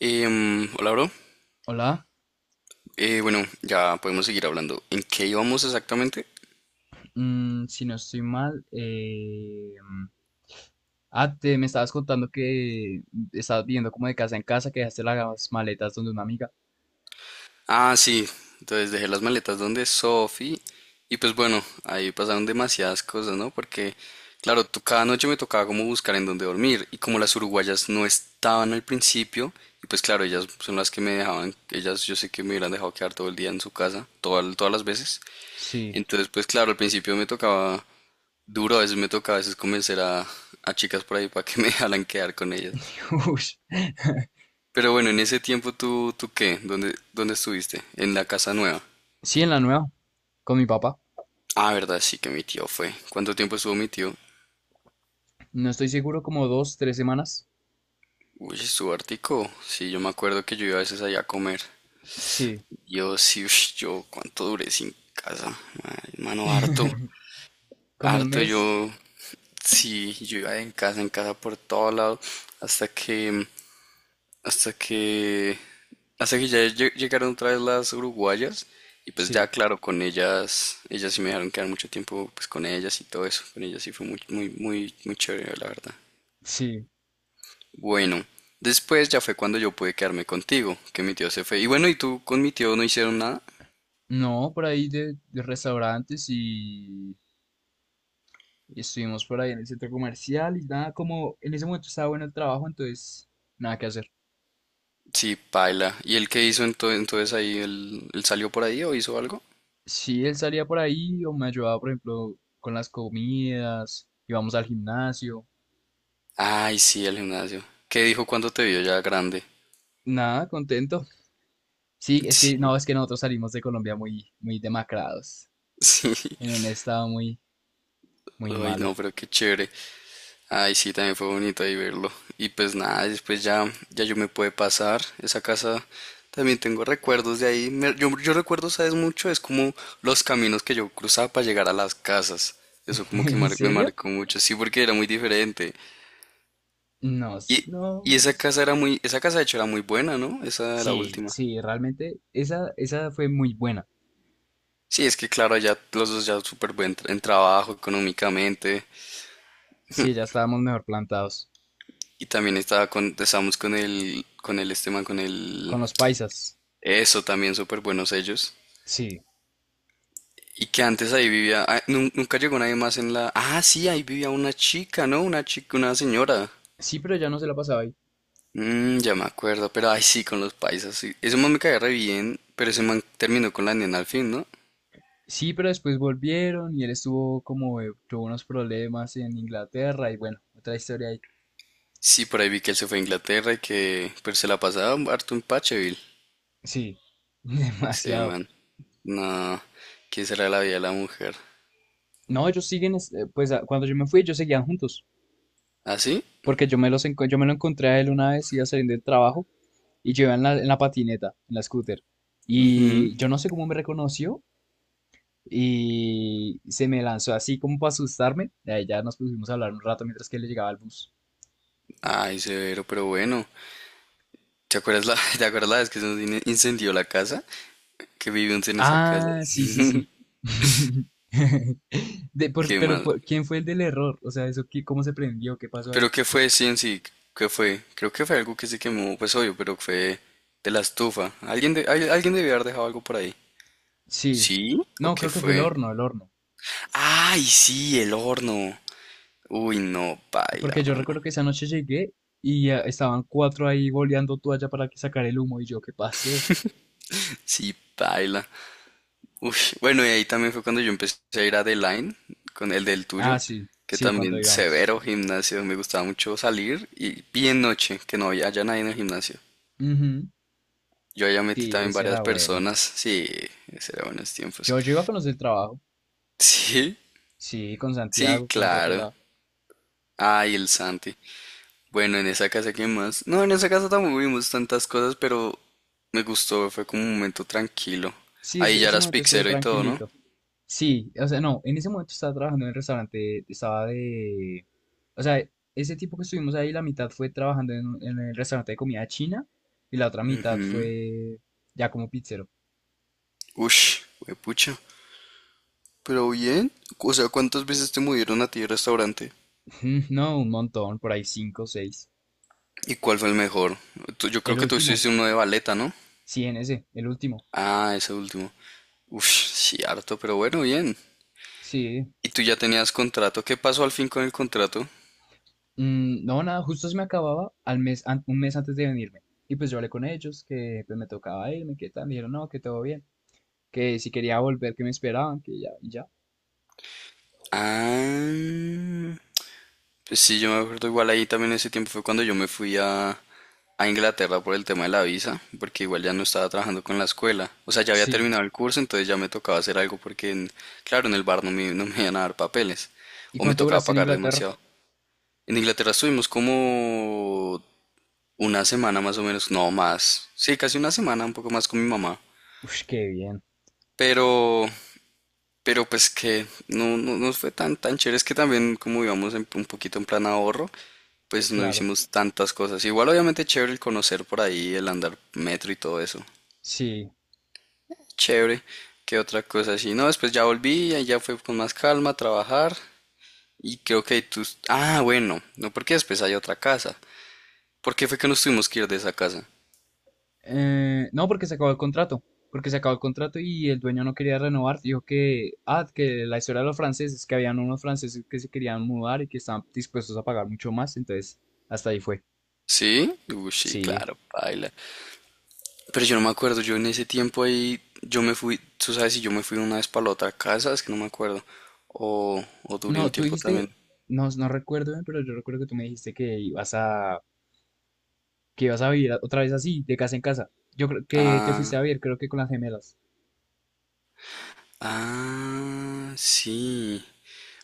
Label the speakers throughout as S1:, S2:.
S1: Hola, bro.
S2: Hola.
S1: Bueno, ya podemos seguir hablando. ¿En qué íbamos exactamente?
S2: Si no estoy mal, me estabas contando que estabas viendo como de casa en casa, que dejaste las maletas donde una amiga.
S1: Ah, sí. Entonces dejé las maletas donde Sophie. Y pues bueno, ahí pasaron demasiadas cosas, ¿no? Porque, claro, cada noche me tocaba como buscar en dónde dormir. Y como las uruguayas no estaban al principio, y pues claro, ellas son las que me dejaban, ellas yo sé que me hubieran dejado quedar todo el día en su casa, todas todas las veces.
S2: Sí.
S1: Entonces, pues claro, al principio me tocaba duro, a veces me tocaba a veces convencer a chicas por ahí para que me dejaran quedar con ellas.
S2: Ush.
S1: Pero bueno, en ese tiempo tú, ¿tú qué? ¿Dónde estuviste? En la casa nueva.
S2: Sí, en la nueva, con mi papá.
S1: Ah, verdad, sí que mi tío fue. ¿Cuánto tiempo estuvo mi tío?
S2: No estoy seguro, como 2, 3 semanas,
S1: Uy, estuvo hartico. Sí, yo me acuerdo que yo iba a veces allá a comer.
S2: sí.
S1: Yo sí, ush, yo cuánto duré sin casa. Ay, Mano, harto.
S2: Como un
S1: Harto
S2: mes,
S1: yo. Sí, yo iba en casa por todo lado. Hasta que Hasta que, hasta que ya llegaron otra vez las uruguayas y pues ya
S2: sí.
S1: claro, con ellas, ellas sí me dejaron quedar mucho tiempo pues con ellas y todo eso, con ellas sí fue muy, muy, muy, muy chévere, la verdad.
S2: Sí.
S1: Bueno, después ya fue cuando yo pude quedarme contigo, que mi tío se fue. Y bueno, ¿y tú con mi tío no hicieron nada?
S2: No, por ahí de, restaurantes y estuvimos por ahí en el centro comercial y nada, como en ese momento estaba bueno el trabajo, entonces nada que hacer.
S1: Sí, paila. ¿Y él qué hizo entonces ahí? ¿Él salió por ahí o hizo algo?
S2: Sí, él salía por ahí o me ayudaba, por ejemplo, con las comidas, íbamos al gimnasio.
S1: Ay, sí, el gimnasio. ¿Qué dijo cuando te vio ya grande?
S2: Nada, contento. Sí, es que
S1: Sí,
S2: no, es que nosotros salimos de Colombia muy, muy demacrados,
S1: sí.
S2: en un estado muy, muy
S1: Ay,
S2: malo.
S1: no, pero qué chévere. Ay, sí, también fue bonito ahí verlo. Y pues nada, después ya, ya yo me pude pasar. Esa casa también tengo recuerdos de ahí. Yo, yo recuerdo, ¿sabes? Mucho, es como los caminos que yo cruzaba para llegar a las casas. Eso como que
S2: ¿En
S1: me
S2: serio?
S1: marcó mucho, sí, porque era muy diferente.
S2: No,
S1: Y,
S2: no,
S1: y esa
S2: pues.
S1: casa era muy, esa casa de hecho era muy buena, ¿no? Esa la
S2: Sí,
S1: última.
S2: sí, realmente esa fue muy buena.
S1: Sí, es que claro, allá los dos ya súper buen en trabajo económicamente.
S2: Sí, ya estábamos mejor plantados.
S1: Y también estábamos con el, este man,
S2: Con los paisas.
S1: eso también súper buenos ellos.
S2: Sí.
S1: Y que antes ahí vivía, ah, nunca llegó nadie más en la... Ah, sí, ahí vivía una chica, ¿no? Una chica, una señora.
S2: Sí, pero ya no se la pasaba ahí.
S1: Mm, ya me acuerdo, pero ay sí, con los paisas, sí. Ese man me caía re bien, pero ese man terminó con la nena al fin, ¿no?
S2: Sí, pero después volvieron y él estuvo como, tuvo unos problemas en Inglaterra y bueno, otra historia ahí.
S1: Sí, por ahí vi que él se fue a Inglaterra y que... Pero se la pasaba harto en Pacheville,
S2: Sí.
S1: ese
S2: Demasiado.
S1: man. No, ¿quién será la vida de la mujer?
S2: No, ellos siguen, pues cuando yo me fui, ellos seguían juntos,
S1: ¿Ah, sí?
S2: porque yo me lo encontré a él una vez, iba saliendo del trabajo y yo iba en la patineta, en la scooter. Y yo no sé cómo me reconoció y se me lanzó así como para asustarme. Y ahí ya nos pusimos a hablar un rato mientras que él llegaba al bus.
S1: Ay, severo, pero bueno. ¿Te acuerdas la, ¿te acuerdas la vez que se nos incendió la casa? Que vivimos en esa casa.
S2: Ah, sí, sí, sí. De, por-
S1: Qué
S2: pero,
S1: mal.
S2: por- ¿Quién fue el del error? O sea, ¿cómo se prendió? ¿Qué pasó ahí?
S1: ¿Pero qué fue, sí, en sí? ¿Qué fue? Creo que fue algo que se quemó, pues obvio, pero fue de la estufa. Alguien, alguien debió haber dejado algo por ahí.
S2: Sí.
S1: ¿Sí? ¿O
S2: No,
S1: qué
S2: creo que fue el
S1: fue?
S2: horno, el horno.
S1: ¡Ay, sí! El horno. Uy, no, paila,
S2: Porque yo recuerdo
S1: mano.
S2: que esa noche llegué y ah, estaban cuatro ahí boleando toalla para que sacar el humo y yo, ¿qué pasó?
S1: Sí, paila. Uy, bueno, y ahí también fue cuando yo empecé a ir a The Line, con el del
S2: Ah,
S1: tuyo,
S2: sí,
S1: que
S2: sí, cuando
S1: también
S2: íbamos.
S1: severo gimnasio. Me gustaba mucho salir y bien noche, que no había haya nadie en el gimnasio.
S2: Ujú.
S1: Yo allá metí
S2: Sí,
S1: también
S2: ese
S1: varias
S2: era bueno.
S1: personas. Sí, ese era buenos tiempos.
S2: Yo iba con los del trabajo.
S1: Sí,
S2: Sí, con
S1: sí,
S2: Santiago, con otra
S1: claro.
S2: pelada.
S1: Ay, el Santi. Bueno, en esa casa, ¿qué más? No, en esa casa tampoco vimos tantas cosas, pero me gustó, fue como un momento tranquilo.
S2: Sí,
S1: Ahí
S2: ese,
S1: ya
S2: ese
S1: eras
S2: momento estuvo
S1: pixero y todo, ¿no?
S2: tranquilito. Sí, o sea, no, en ese momento estaba trabajando en el restaurante, estaba de... O sea, ese tipo que estuvimos ahí, la mitad fue trabajando en, en el restaurante de comida china y la otra mitad fue ya como pizzero.
S1: Ush, pucha. Pero bien, o sea, ¿cuántas veces te movieron a ti el restaurante?
S2: No, un montón, por ahí cinco, seis.
S1: ¿Y cuál fue el mejor? Yo creo
S2: El
S1: que tú
S2: último,
S1: hiciste uno de baleta, ¿no?
S2: sí, en ese, el último.
S1: Ah, ese último. Uff, sí, harto, pero bueno, bien.
S2: Sí.
S1: ¿Y tú ya tenías contrato? ¿Qué pasó al fin con el contrato?
S2: No, nada, justo se me acababa al mes, un mes antes de venirme. Y pues yo hablé con ellos, que pues me tocaba irme, que tal, me dijeron, no, que todo bien, que si quería volver, que me esperaban, que ya, y ya.
S1: Ah, pues sí, yo me acuerdo igual ahí también ese tiempo fue cuando yo me fui a Inglaterra por el tema de la visa, porque igual ya no estaba trabajando con la escuela. O sea, ya había
S2: Sí.
S1: terminado el curso, entonces ya me tocaba hacer algo porque, claro, en el bar no me iban a dar papeles
S2: ¿Y
S1: o me
S2: cuánto
S1: tocaba
S2: duraste en
S1: pagar
S2: Inglaterra?
S1: demasiado. En Inglaterra estuvimos como una semana más o menos, no más. Sí, casi una semana, un poco más con mi mamá.
S2: Uf, qué bien.
S1: Pero Pero pues que no, no nos fue tan, tan chévere. Es que también como íbamos un poquito en plan ahorro, pues no
S2: Claro.
S1: hicimos tantas cosas. Igual obviamente chévere el conocer por ahí, el andar metro y todo eso.
S2: Sí.
S1: Chévere. ¿Qué otra cosa así? No, después ya volví, ahí ya fue con más calma a trabajar. Y creo que ahí tus... Ah, bueno, no porque después hay otra casa. ¿Por qué fue que nos tuvimos que ir de esa casa?
S2: No, porque se acabó el contrato. Porque se acabó el contrato y el dueño no quería renovar. Dijo que, ah, que la historia de los franceses, que habían unos franceses que se querían mudar y que estaban dispuestos a pagar mucho más. Entonces, hasta ahí fue.
S1: ¿Sí? Uy, sí,
S2: Sí.
S1: claro, baila. Pero yo no me acuerdo, yo en ese tiempo ahí, yo me fui, tú sabes si yo me fui una vez para la otra casa, es que no me acuerdo, o duré un
S2: No, tú
S1: tiempo
S2: dijiste,
S1: también.
S2: no, no recuerdo bien, pero yo recuerdo que tú me dijiste que ibas a vivir otra vez así, de casa en casa. Yo creo que te fuiste
S1: Ah,
S2: a vivir, creo que con las gemelas.
S1: ah, sí,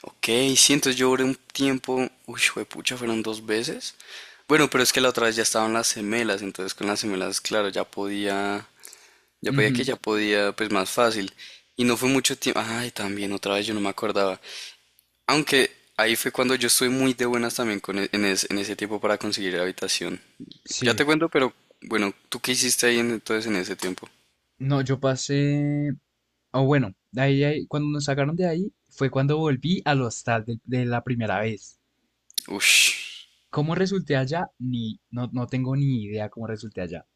S1: ok, sí, entonces yo duré un tiempo, uy, pucha, fueron dos veces. Bueno, pero es que la otra vez ya estaban las gemelas, entonces con las gemelas, claro, ya podía, ya podía que
S2: Ujú.
S1: ya podía, pues más fácil. Y no fue mucho tiempo, ay, también otra vez yo no me acordaba. Aunque ahí fue cuando yo estuve muy de buenas también con en ese tiempo para conseguir la habitación. Ya te
S2: Sí.
S1: cuento, pero bueno, ¿tú qué hiciste ahí entonces en ese tiempo?
S2: No, yo pasé. O bueno, de ahí, cuando nos sacaron de ahí fue cuando volví al hostal de la primera vez.
S1: Ush.
S2: ¿Cómo resulté allá? Ni, no, no tengo ni idea cómo resulté allá.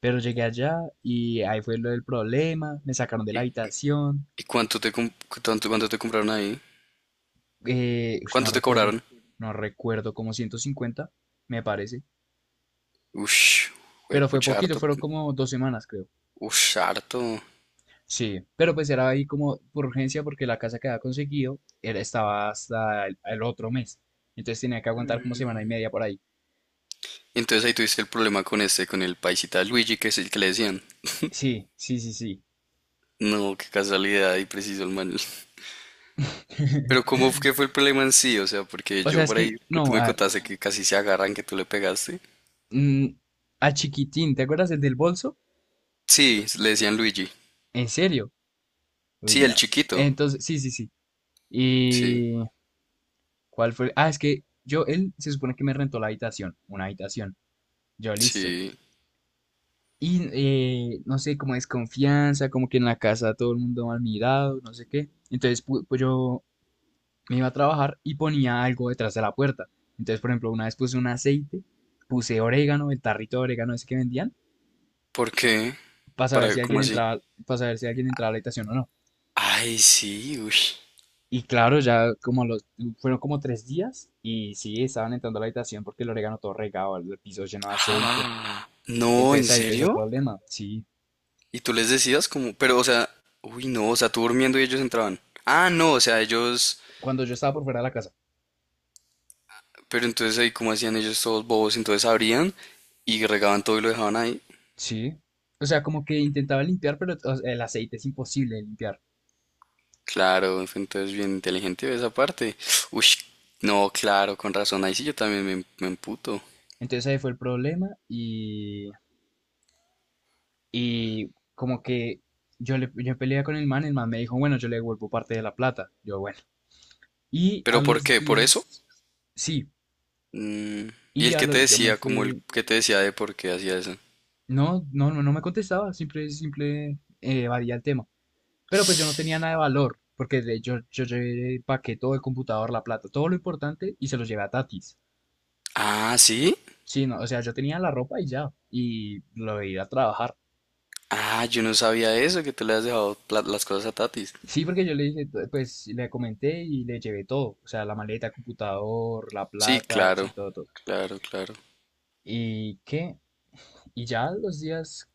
S2: Pero llegué allá y ahí fue lo del problema. Me sacaron de la habitación.
S1: ¿Y cuánto te compraron ahí?
S2: No
S1: ¿Cuánto te
S2: recuerdo.
S1: cobraron?
S2: No recuerdo, como 150 me parece.
S1: Ush,
S2: Pero fue
S1: pucha,
S2: poquito,
S1: harto.
S2: fueron como 2 semanas, creo.
S1: Ush, harto.
S2: Sí, pero pues era ahí como por urgencia porque la casa que había conseguido era, estaba hasta el otro mes. Entonces tenía que aguantar como semana y media por ahí.
S1: Entonces ahí tuviste el problema con este, con el paisita Luigi, que es el que le decían.
S2: Sí, sí, sí, sí.
S1: No, qué casualidad, y preciso el man. Pero ¿cómo fue que fue el problema en sí? O sea, porque
S2: O sea,
S1: yo
S2: es
S1: por
S2: que,
S1: ahí que tú
S2: no,
S1: me
S2: a ver,
S1: contaste que casi se agarran, que tú le pegaste.
S2: mm, a Chiquitín, ¿te acuerdas el del bolso?
S1: Sí, le decían Luigi.
S2: ¿En serio? Uy,
S1: Sí, el
S2: no.
S1: chiquito.
S2: Entonces, sí, sí, sí.
S1: Sí,
S2: ¿Y cuál fue? Ah, es que yo, él se supone que me rentó la habitación, una habitación. Yo, listo.
S1: sí.
S2: Y no sé, como desconfianza, como que en la casa todo el mundo mal mirado, no sé qué. Entonces, pues yo me iba a trabajar y ponía algo detrás de la puerta. Entonces, por ejemplo, una vez puse un aceite, puse orégano, el tarrito de orégano ese que vendían
S1: ¿Por qué?
S2: para saber
S1: ¿Para
S2: si
S1: cómo
S2: alguien
S1: así?
S2: entraba, para saber si alguien entraba a la habitación o no.
S1: Ay, sí, uy.
S2: Y claro, ya como los, fueron como 3 días y sí, estaban entrando a la habitación porque el orégano todo regado, el piso lleno de aceite.
S1: Ah, no, ¿en
S2: Entonces ahí empezó el
S1: serio?
S2: problema, sí.
S1: ¿Y tú les decías como, pero, o sea, uy, no, o sea, tú durmiendo y ellos entraban? Ah, no, o sea, ellos,
S2: Cuando yo estaba por fuera de la casa,
S1: pero entonces ahí cómo hacían ellos todos bobos, entonces abrían y regaban todo y lo dejaban ahí.
S2: sí. O sea, como que intentaba limpiar, pero o sea, el aceite es imposible de limpiar.
S1: Claro, entonces bien inteligente de esa parte. Uy, no, claro, con razón, ahí sí yo también me emputo.
S2: Entonces ahí fue el problema y como que yo, le, yo peleé con el man me dijo, bueno, yo le devuelvo parte de la plata. Yo, bueno. Y a
S1: ¿Pero por
S2: los
S1: qué? ¿Por eso?
S2: días, sí, y
S1: ¿Y el que te
S2: yo me
S1: decía, como el
S2: fui.
S1: que te decía de por qué hacía eso?
S2: No, no, no, no me contestaba, simple, evadía el tema. Pero pues yo no tenía nada de valor, porque de, yo llevé el paquete, todo el computador, la plata, todo lo importante y se los llevé a Tatis.
S1: Ah, ¿sí?
S2: Sí, no, o sea, yo tenía la ropa y ya, y lo de ir a trabajar.
S1: Ah, yo no sabía eso, que tú le has dejado las cosas a Tatis.
S2: Sí, porque yo le dije, pues le comenté y le llevé todo, o sea, la maleta, computador, la
S1: Sí,
S2: plata,
S1: claro,
S2: sí, todo, todo.
S1: claro, claro.
S2: ¿Y qué? Y ya los días,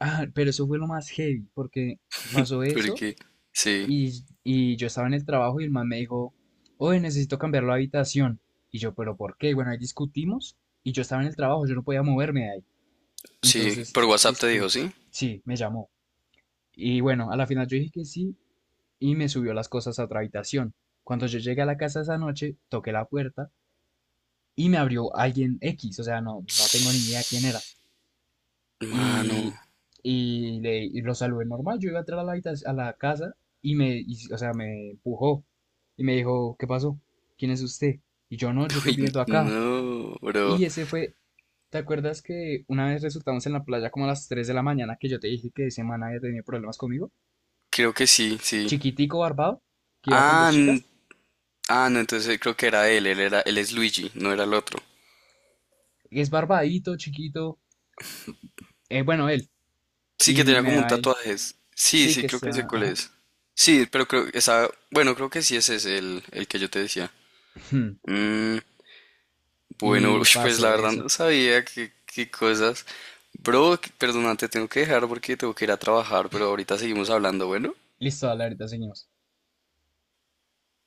S2: ah, pero eso fue lo más heavy, porque pasó eso.
S1: Porque, sí,
S2: Y yo estaba en el trabajo y el man me dijo, oye, necesito cambiar la habitación. Y yo, pero ¿por qué? Bueno, ahí discutimos y yo estaba en el trabajo, yo no podía moverme de ahí.
S1: sí, por
S2: Entonces,
S1: WhatsApp te
S2: discu
S1: dijo, ¿sí?
S2: sí, me llamó. Y bueno, a la final yo dije que sí y me subió las cosas a otra habitación. Cuando yo llegué a la casa esa noche, toqué la puerta y me abrió alguien X, o sea, no, no tengo ni idea quién era.
S1: Mano,
S2: y, y lo saludé normal. Yo iba a entrar a la casa y o sea, me empujó y me dijo, ¿qué pasó? ¿Quién es usted? Y yo no, yo estoy
S1: uy,
S2: viviendo acá.
S1: no, bro.
S2: Y ese fue, ¿te acuerdas que una vez resultamos en la playa como a las 3 de la mañana que yo te dije que ese man había tenido problemas conmigo?
S1: Creo que sí, sí.
S2: Chiquitico barbado, que iba con dos
S1: Ah, n-
S2: chicas.
S1: ah, no, entonces creo que era él, él es Luigi, no era el otro.
S2: Es barbadito, chiquito. Bueno, él.
S1: Sí, que
S2: Y
S1: tenía
S2: me
S1: como un
S2: va ahí.
S1: tatuaje. Sí,
S2: Sí,
S1: sí,
S2: que
S1: creo
S2: está.
S1: que sé cuál
S2: Ajá.
S1: es. Sí, pero creo, esa, bueno, creo que sí ese es el que yo te decía. Mm, bueno,
S2: Y
S1: ush, pues la
S2: pasó
S1: verdad
S2: eso.
S1: no sabía qué cosas. Bro, perdona, te tengo que dejar porque tengo que ir a trabajar, pero ahorita seguimos hablando, bueno.
S2: Listo, dale, ahorita seguimos.